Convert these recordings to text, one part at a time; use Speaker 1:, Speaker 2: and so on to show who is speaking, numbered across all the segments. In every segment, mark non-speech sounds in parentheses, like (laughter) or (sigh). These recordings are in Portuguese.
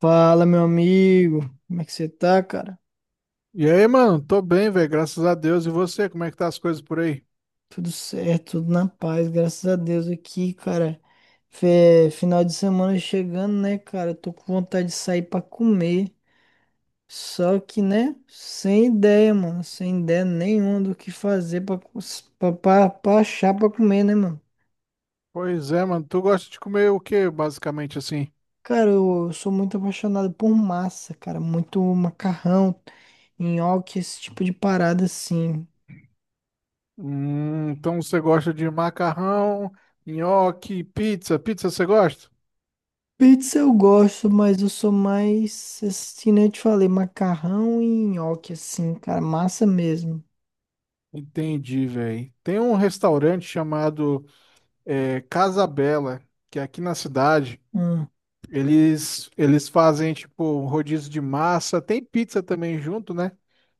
Speaker 1: Fala, meu amigo. Como é que você tá, cara?
Speaker 2: E aí, mano? Tô bem, velho, graças a Deus. E você, como é que tá as coisas por aí?
Speaker 1: Tudo certo, tudo na paz, graças a Deus aqui, cara. Final de semana chegando, né, cara? Tô com vontade de sair pra comer. Só que, né, sem ideia, mano. Sem ideia nenhuma do que fazer pra achar pra comer, né, mano?
Speaker 2: Pois é, mano. Tu gosta de comer o quê, basicamente, assim?
Speaker 1: Cara, eu sou muito apaixonado por massa, cara. Muito macarrão, nhoque, esse tipo de parada assim.
Speaker 2: Então você gosta de macarrão, nhoque, pizza. Pizza você gosta?
Speaker 1: Pizza eu gosto, mas eu sou mais, assim, né? Eu te falei, macarrão e nhoque, assim, cara, massa mesmo.
Speaker 2: Entendi, velho. Tem um restaurante chamado Casa Bela, que é aqui na cidade.
Speaker 1: Hum,
Speaker 2: Eles fazem, tipo, rodízio de massa. Tem pizza também junto, né?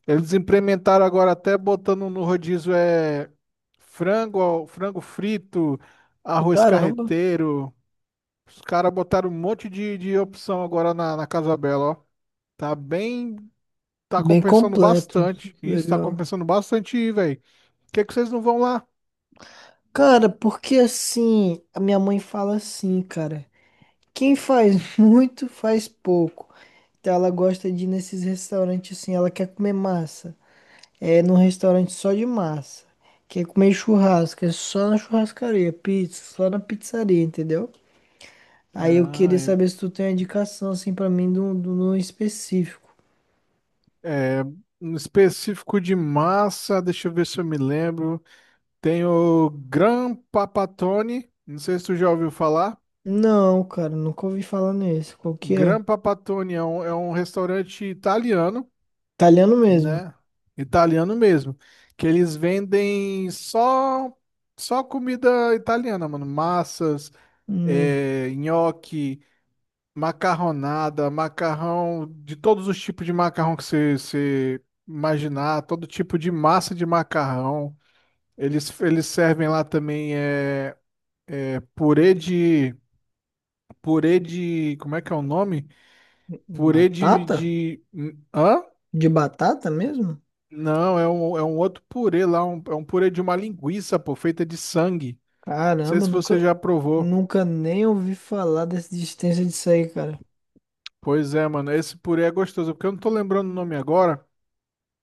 Speaker 2: Eles implementaram agora até botando no rodízio frango, frango frito, arroz
Speaker 1: caramba,
Speaker 2: carreteiro. Os caras botaram um monte de opção agora na Casa Bela, ó. Tá bem, tá
Speaker 1: bem
Speaker 2: compensando
Speaker 1: completo,
Speaker 2: bastante. Isso tá
Speaker 1: legal.
Speaker 2: compensando bastante ir, velho. Por que é que vocês não vão lá?
Speaker 1: Cara, porque assim, a minha mãe fala assim, cara, quem faz (laughs) muito faz pouco. Então ela gosta de ir nesses restaurantes assim, ela quer comer massa. É num restaurante só de massa. Quer comer churrasco, é só na churrascaria, pizza, só na pizzaria, entendeu? Aí eu queria
Speaker 2: Ah,
Speaker 1: saber se tu tem uma indicação, assim, pra mim, no específico.
Speaker 2: é, é, um específico de massa, deixa eu ver se eu me lembro. Tem o Gran Papatone, não sei se tu já ouviu falar.
Speaker 1: Não, cara, nunca ouvi falar nesse. Qual que é?
Speaker 2: Grampa Patoni é um restaurante italiano,
Speaker 1: Italiano mesmo.
Speaker 2: né? Italiano mesmo. Que eles vendem só comida italiana, mano. Massas,
Speaker 1: Hum,
Speaker 2: nhoque, macarronada, macarrão, de todos os tipos de macarrão que você imaginar, todo tipo de massa de macarrão. Eles servem lá também purê de. Purê de. Como é que é o nome? Purê
Speaker 1: batata?
Speaker 2: de. Hã?
Speaker 1: De batata mesmo?
Speaker 2: Não, é um outro purê lá, é um purê de uma linguiça, pô, feita de sangue. Não sei
Speaker 1: Caramba,
Speaker 2: se você já provou.
Speaker 1: nunca nem ouvi falar dessa existência disso aí, cara.
Speaker 2: Pois é, mano, esse purê é gostoso, porque eu não tô lembrando o nome agora,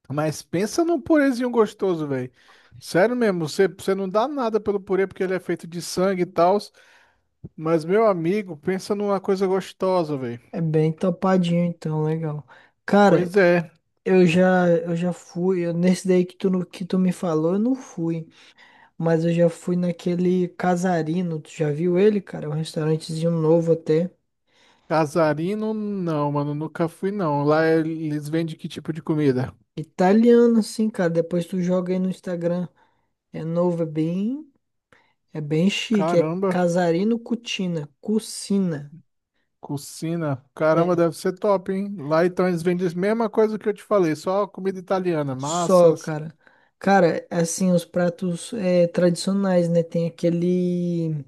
Speaker 2: mas pensa num purêzinho gostoso, velho. Sério mesmo, você não dá nada pelo purê porque ele é feito de sangue e tal, mas meu amigo, pensa numa coisa gostosa, velho.
Speaker 1: É bem topadinho, então, legal. Cara,
Speaker 2: Pois é,
Speaker 1: eu já fui, nesse daí que tu, no- que tu me falou, eu não fui. Mas eu já fui naquele Casarino, tu já viu ele, cara? É um restaurantezinho novo até.
Speaker 2: casarino não, mano, nunca fui não. Lá eles vendem que tipo de comida?
Speaker 1: Italiano, sim, cara. Depois tu joga aí no Instagram. É novo, é bem, é bem chique. É
Speaker 2: Caramba.
Speaker 1: Casarino Cucina. Cucina.
Speaker 2: Cucina, caramba,
Speaker 1: É,
Speaker 2: deve ser top, hein? Lá então eles vendem a mesma coisa que eu te falei, só comida italiana,
Speaker 1: só,
Speaker 2: massas.
Speaker 1: cara. Cara, assim, os pratos é, tradicionais, né? Tem aquele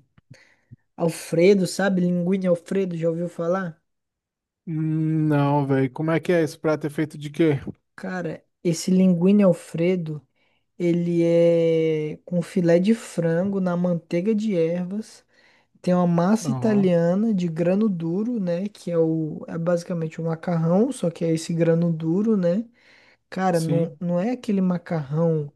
Speaker 1: Alfredo, sabe? Linguine Alfredo, já ouviu falar?
Speaker 2: Não, velho, como é que é esse prato? É feito de quê?
Speaker 1: Cara, esse linguine Alfredo, ele é com filé de frango na manteiga de ervas. Tem uma massa
Speaker 2: Aham,
Speaker 1: italiana de grano duro, né? Que é o, é basicamente o macarrão, só que é esse grano duro, né? Cara,
Speaker 2: sim.
Speaker 1: não é aquele macarrão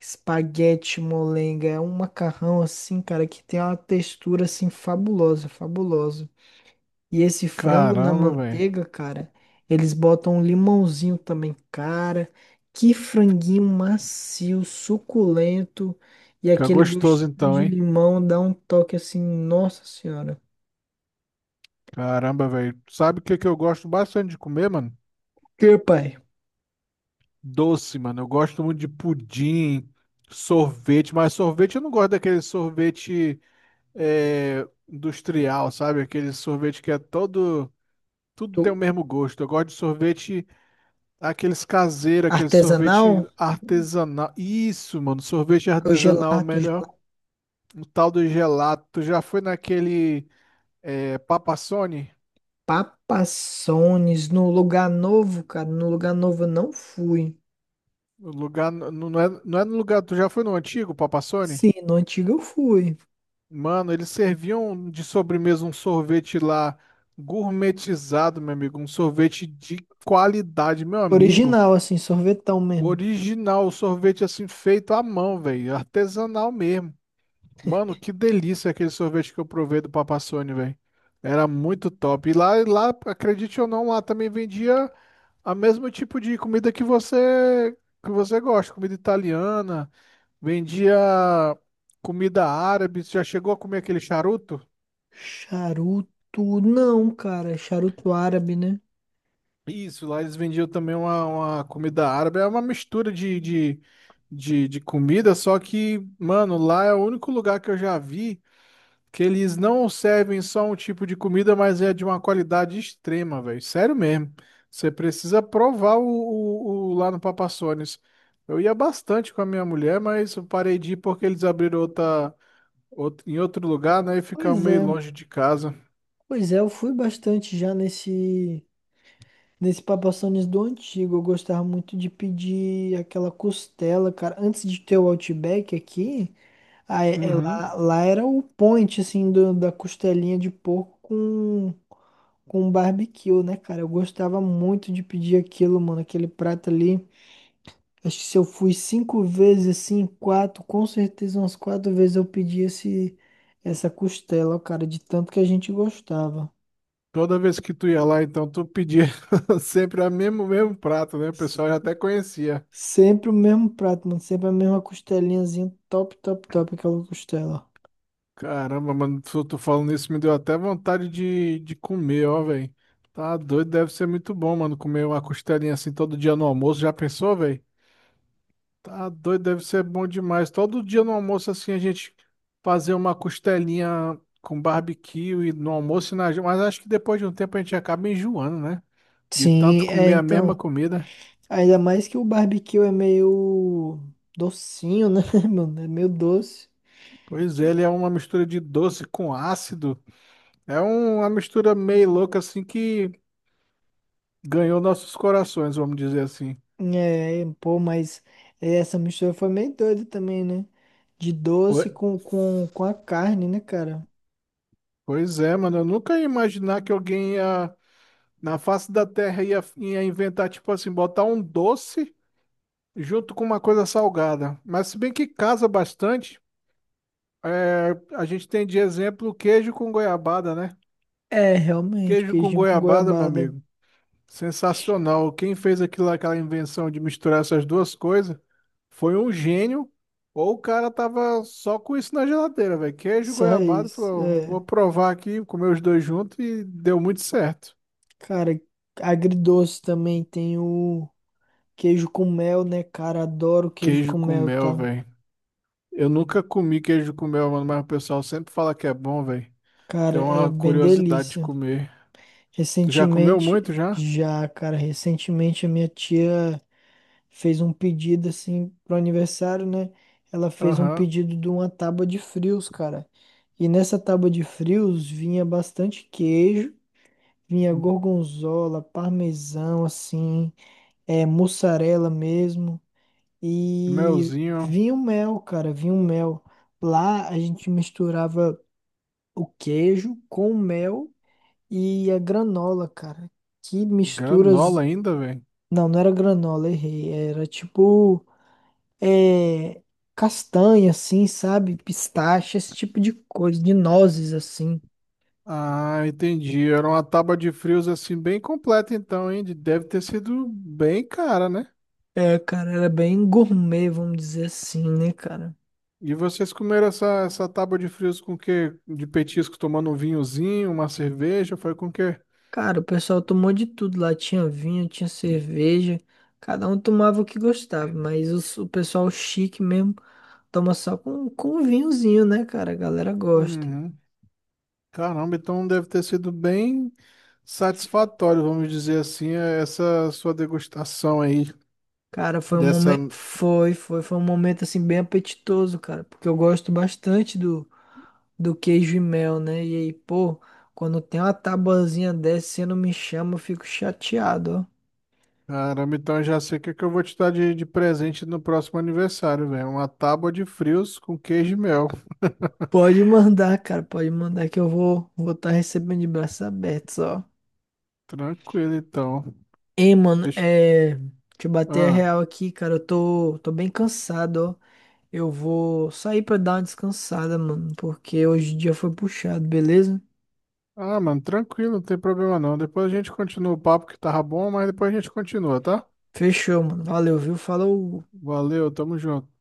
Speaker 1: espaguete molenga, é um macarrão assim, cara, que tem uma textura assim fabulosa, fabulosa. E esse frango na
Speaker 2: Caramba, velho.
Speaker 1: manteiga, cara, eles botam um limãozinho também, cara. Que franguinho macio, suculento, e
Speaker 2: Fica
Speaker 1: aquele
Speaker 2: gostoso
Speaker 1: gostinho
Speaker 2: então,
Speaker 1: de
Speaker 2: hein?
Speaker 1: limão dá um toque assim, nossa senhora.
Speaker 2: Caramba, velho. Sabe o que que eu gosto bastante de comer, mano?
Speaker 1: Meu pai,
Speaker 2: Doce, mano. Eu gosto muito de pudim, sorvete, mas sorvete eu não gosto daquele sorvete industrial, sabe? Aquele sorvete que é todo. Tudo tem o
Speaker 1: do
Speaker 2: mesmo gosto. Eu gosto de sorvete. Aqueles caseiros, aquele
Speaker 1: artesanal,
Speaker 2: sorvete artesanal. Isso, mano, sorvete
Speaker 1: o
Speaker 2: artesanal é o
Speaker 1: gelato,
Speaker 2: melhor.
Speaker 1: gelato,
Speaker 2: O tal do gelato. Tu já foi naquele Papassone?
Speaker 1: papassones, no lugar novo, cara, no lugar novo eu não fui.
Speaker 2: O lugar, não é, não é no lugar, tu já foi no antigo Papassone?
Speaker 1: Sim, no antigo eu fui.
Speaker 2: Mano, eles serviam de sobremesa um sorvete lá gourmetizado, meu amigo. Um sorvete de qualidade, meu amigo.
Speaker 1: Original, assim, sorvetão mesmo.
Speaker 2: Original, sorvete assim feito à mão, velho. Artesanal mesmo. Mano, que delícia aquele sorvete que eu provei do Papasôni, velho. Era muito top. E lá, acredite ou não, lá também vendia a mesmo tipo de comida que você gosta, comida italiana, vendia comida árabe. Você já chegou a comer aquele charuto?
Speaker 1: Charuto, não, cara, charuto árabe, né?
Speaker 2: Isso, lá eles vendiam também uma comida árabe. É uma mistura de comida, só que, mano, lá é o único lugar que eu já vi. Que eles não servem só um tipo de comida, mas é de uma qualidade extrema, velho. Sério mesmo. Você precisa provar o lá no Papassones. Eu ia bastante com a minha mulher, mas eu parei de ir porque eles abriram outra, em outro lugar, né? E ficava
Speaker 1: Pois
Speaker 2: meio
Speaker 1: é,
Speaker 2: longe de casa.
Speaker 1: pois é, eu fui bastante já nesse Papassones do antigo. Eu gostava muito de pedir aquela costela, cara. Antes de ter o Outback aqui, aí,
Speaker 2: Uhum.
Speaker 1: lá era o point, assim, do- da costelinha de porco com barbecue, né, cara? Eu gostava muito de pedir aquilo, mano, aquele prato ali. Acho que se eu fui cinco vezes, assim, quatro, com certeza umas quatro vezes eu pedi essa costela, ó, cara, de tanto que a gente gostava.
Speaker 2: Toda vez que tu ia lá, então, tu pedia (laughs) sempre o mesmo prato, né? O pessoal já até conhecia.
Speaker 1: Sempre o mesmo prato, mano, sempre a mesma costelinhazinha, top, top, top, aquela costela.
Speaker 2: Caramba, mano, tu falando isso me deu até vontade de comer, ó, velho. Tá doido, deve ser muito bom, mano, comer uma costelinha assim todo dia no almoço. Já pensou, velho? Tá doido, deve ser bom demais. Todo dia no almoço, assim, a gente fazer uma costelinha com barbecue e no almoço e na... Mas acho que depois de um tempo a gente acaba enjoando, né? De
Speaker 1: Sim,
Speaker 2: tanto
Speaker 1: é,
Speaker 2: comer a mesma
Speaker 1: então.
Speaker 2: comida.
Speaker 1: Ainda mais que o barbecue é meio docinho, né, (laughs) mano? É meio doce.
Speaker 2: Pois é, ele é uma mistura de doce com ácido. Uma mistura meio louca, assim, que ganhou nossos corações, vamos dizer assim.
Speaker 1: É, pô, mas essa mistura foi meio doida também, né? De doce
Speaker 2: Poi-
Speaker 1: com a carne, né, cara?
Speaker 2: Pois é, mano, eu nunca ia imaginar que alguém ia, na face da Terra ia inventar, tipo assim, botar um doce junto com uma coisa salgada. Mas se bem que casa bastante, é, a gente tem de exemplo o queijo com goiabada, né?
Speaker 1: É, realmente,
Speaker 2: Queijo com
Speaker 1: queijinho com
Speaker 2: goiabada, meu
Speaker 1: goiabada.
Speaker 2: amigo. Sensacional. Quem fez aquilo, aquela invenção de misturar essas duas coisas foi um gênio, ou o cara tava só com isso na geladeira, velho. Queijo,
Speaker 1: Só
Speaker 2: goiabada,
Speaker 1: isso.
Speaker 2: falou,
Speaker 1: É.
Speaker 2: vou provar aqui, comer os dois juntos e deu muito certo.
Speaker 1: Cara, agridoce também tem o queijo com mel, né, cara? Adoro queijo
Speaker 2: Queijo
Speaker 1: com
Speaker 2: com
Speaker 1: mel,
Speaker 2: mel,
Speaker 1: tá?
Speaker 2: velho. Eu nunca comi queijo com mel, mano, mas o pessoal sempre fala que é bom, velho. Tem
Speaker 1: Cara, é
Speaker 2: uma
Speaker 1: bem
Speaker 2: curiosidade de
Speaker 1: delícia.
Speaker 2: comer. Tu já comeu muito
Speaker 1: Recentemente,
Speaker 2: já?
Speaker 1: já, cara, recentemente a minha tia fez um pedido assim pro aniversário, né? Ela fez um
Speaker 2: Aham.
Speaker 1: pedido de uma tábua de frios, cara. E nessa tábua de frios vinha bastante queijo, vinha gorgonzola, parmesão, assim, é, mussarela mesmo. E
Speaker 2: Melzinho,
Speaker 1: vinha o mel, cara, vinha o mel. Lá a gente misturava o queijo com o mel e a granola, cara. Que misturas.
Speaker 2: granola ainda, velho.
Speaker 1: Não, não era granola, errei. Era tipo, é, castanha, assim, sabe? Pistache, esse tipo de coisa, de nozes, assim.
Speaker 2: Ah, entendi. Era uma tábua de frios assim bem completa então, hein? De- Deve ter sido bem cara, né?
Speaker 1: É, cara, era bem gourmet, vamos dizer assim, né, cara?
Speaker 2: E vocês comeram essa tábua de frios com o quê? De petisco, tomando um vinhozinho, uma cerveja, foi com o quê?
Speaker 1: Cara, o pessoal tomou de tudo lá. Tinha vinho, tinha cerveja. Cada um tomava o que gostava, mas o pessoal chique mesmo toma só com um vinhozinho, né, cara? A galera gosta.
Speaker 2: Uhum. Caramba, então deve ter sido bem satisfatório, vamos dizer assim, essa sua degustação aí
Speaker 1: Cara, foi um
Speaker 2: dessa.
Speaker 1: momento. Foi um momento assim bem apetitoso, cara. Porque eu gosto bastante do, do queijo e mel, né? E aí, pô, quando tem uma tabuazinha dessa, você não me chama, eu fico chateado, ó.
Speaker 2: Caramba, então eu já sei o que é que eu vou te dar de presente no próximo aniversário, velho. Uma tábua de frios com queijo e mel.
Speaker 1: Pode mandar, cara, pode mandar que eu vou estar recebendo de braços abertos, ó.
Speaker 2: Tranquilo, então.
Speaker 1: Ei, mano,
Speaker 2: Deixa...
Speaker 1: é, deixa eu bater a
Speaker 2: Ah.
Speaker 1: real aqui, cara, tô bem cansado, ó. Eu vou sair pra dar uma descansada, mano, porque hoje o dia foi puxado, beleza?
Speaker 2: Ah, mano, tranquilo, não tem problema não. Depois a gente continua o papo que tava bom, mas depois a gente continua, tá?
Speaker 1: Fechou, mano. Valeu, viu? Falou.
Speaker 2: Valeu, tamo junto.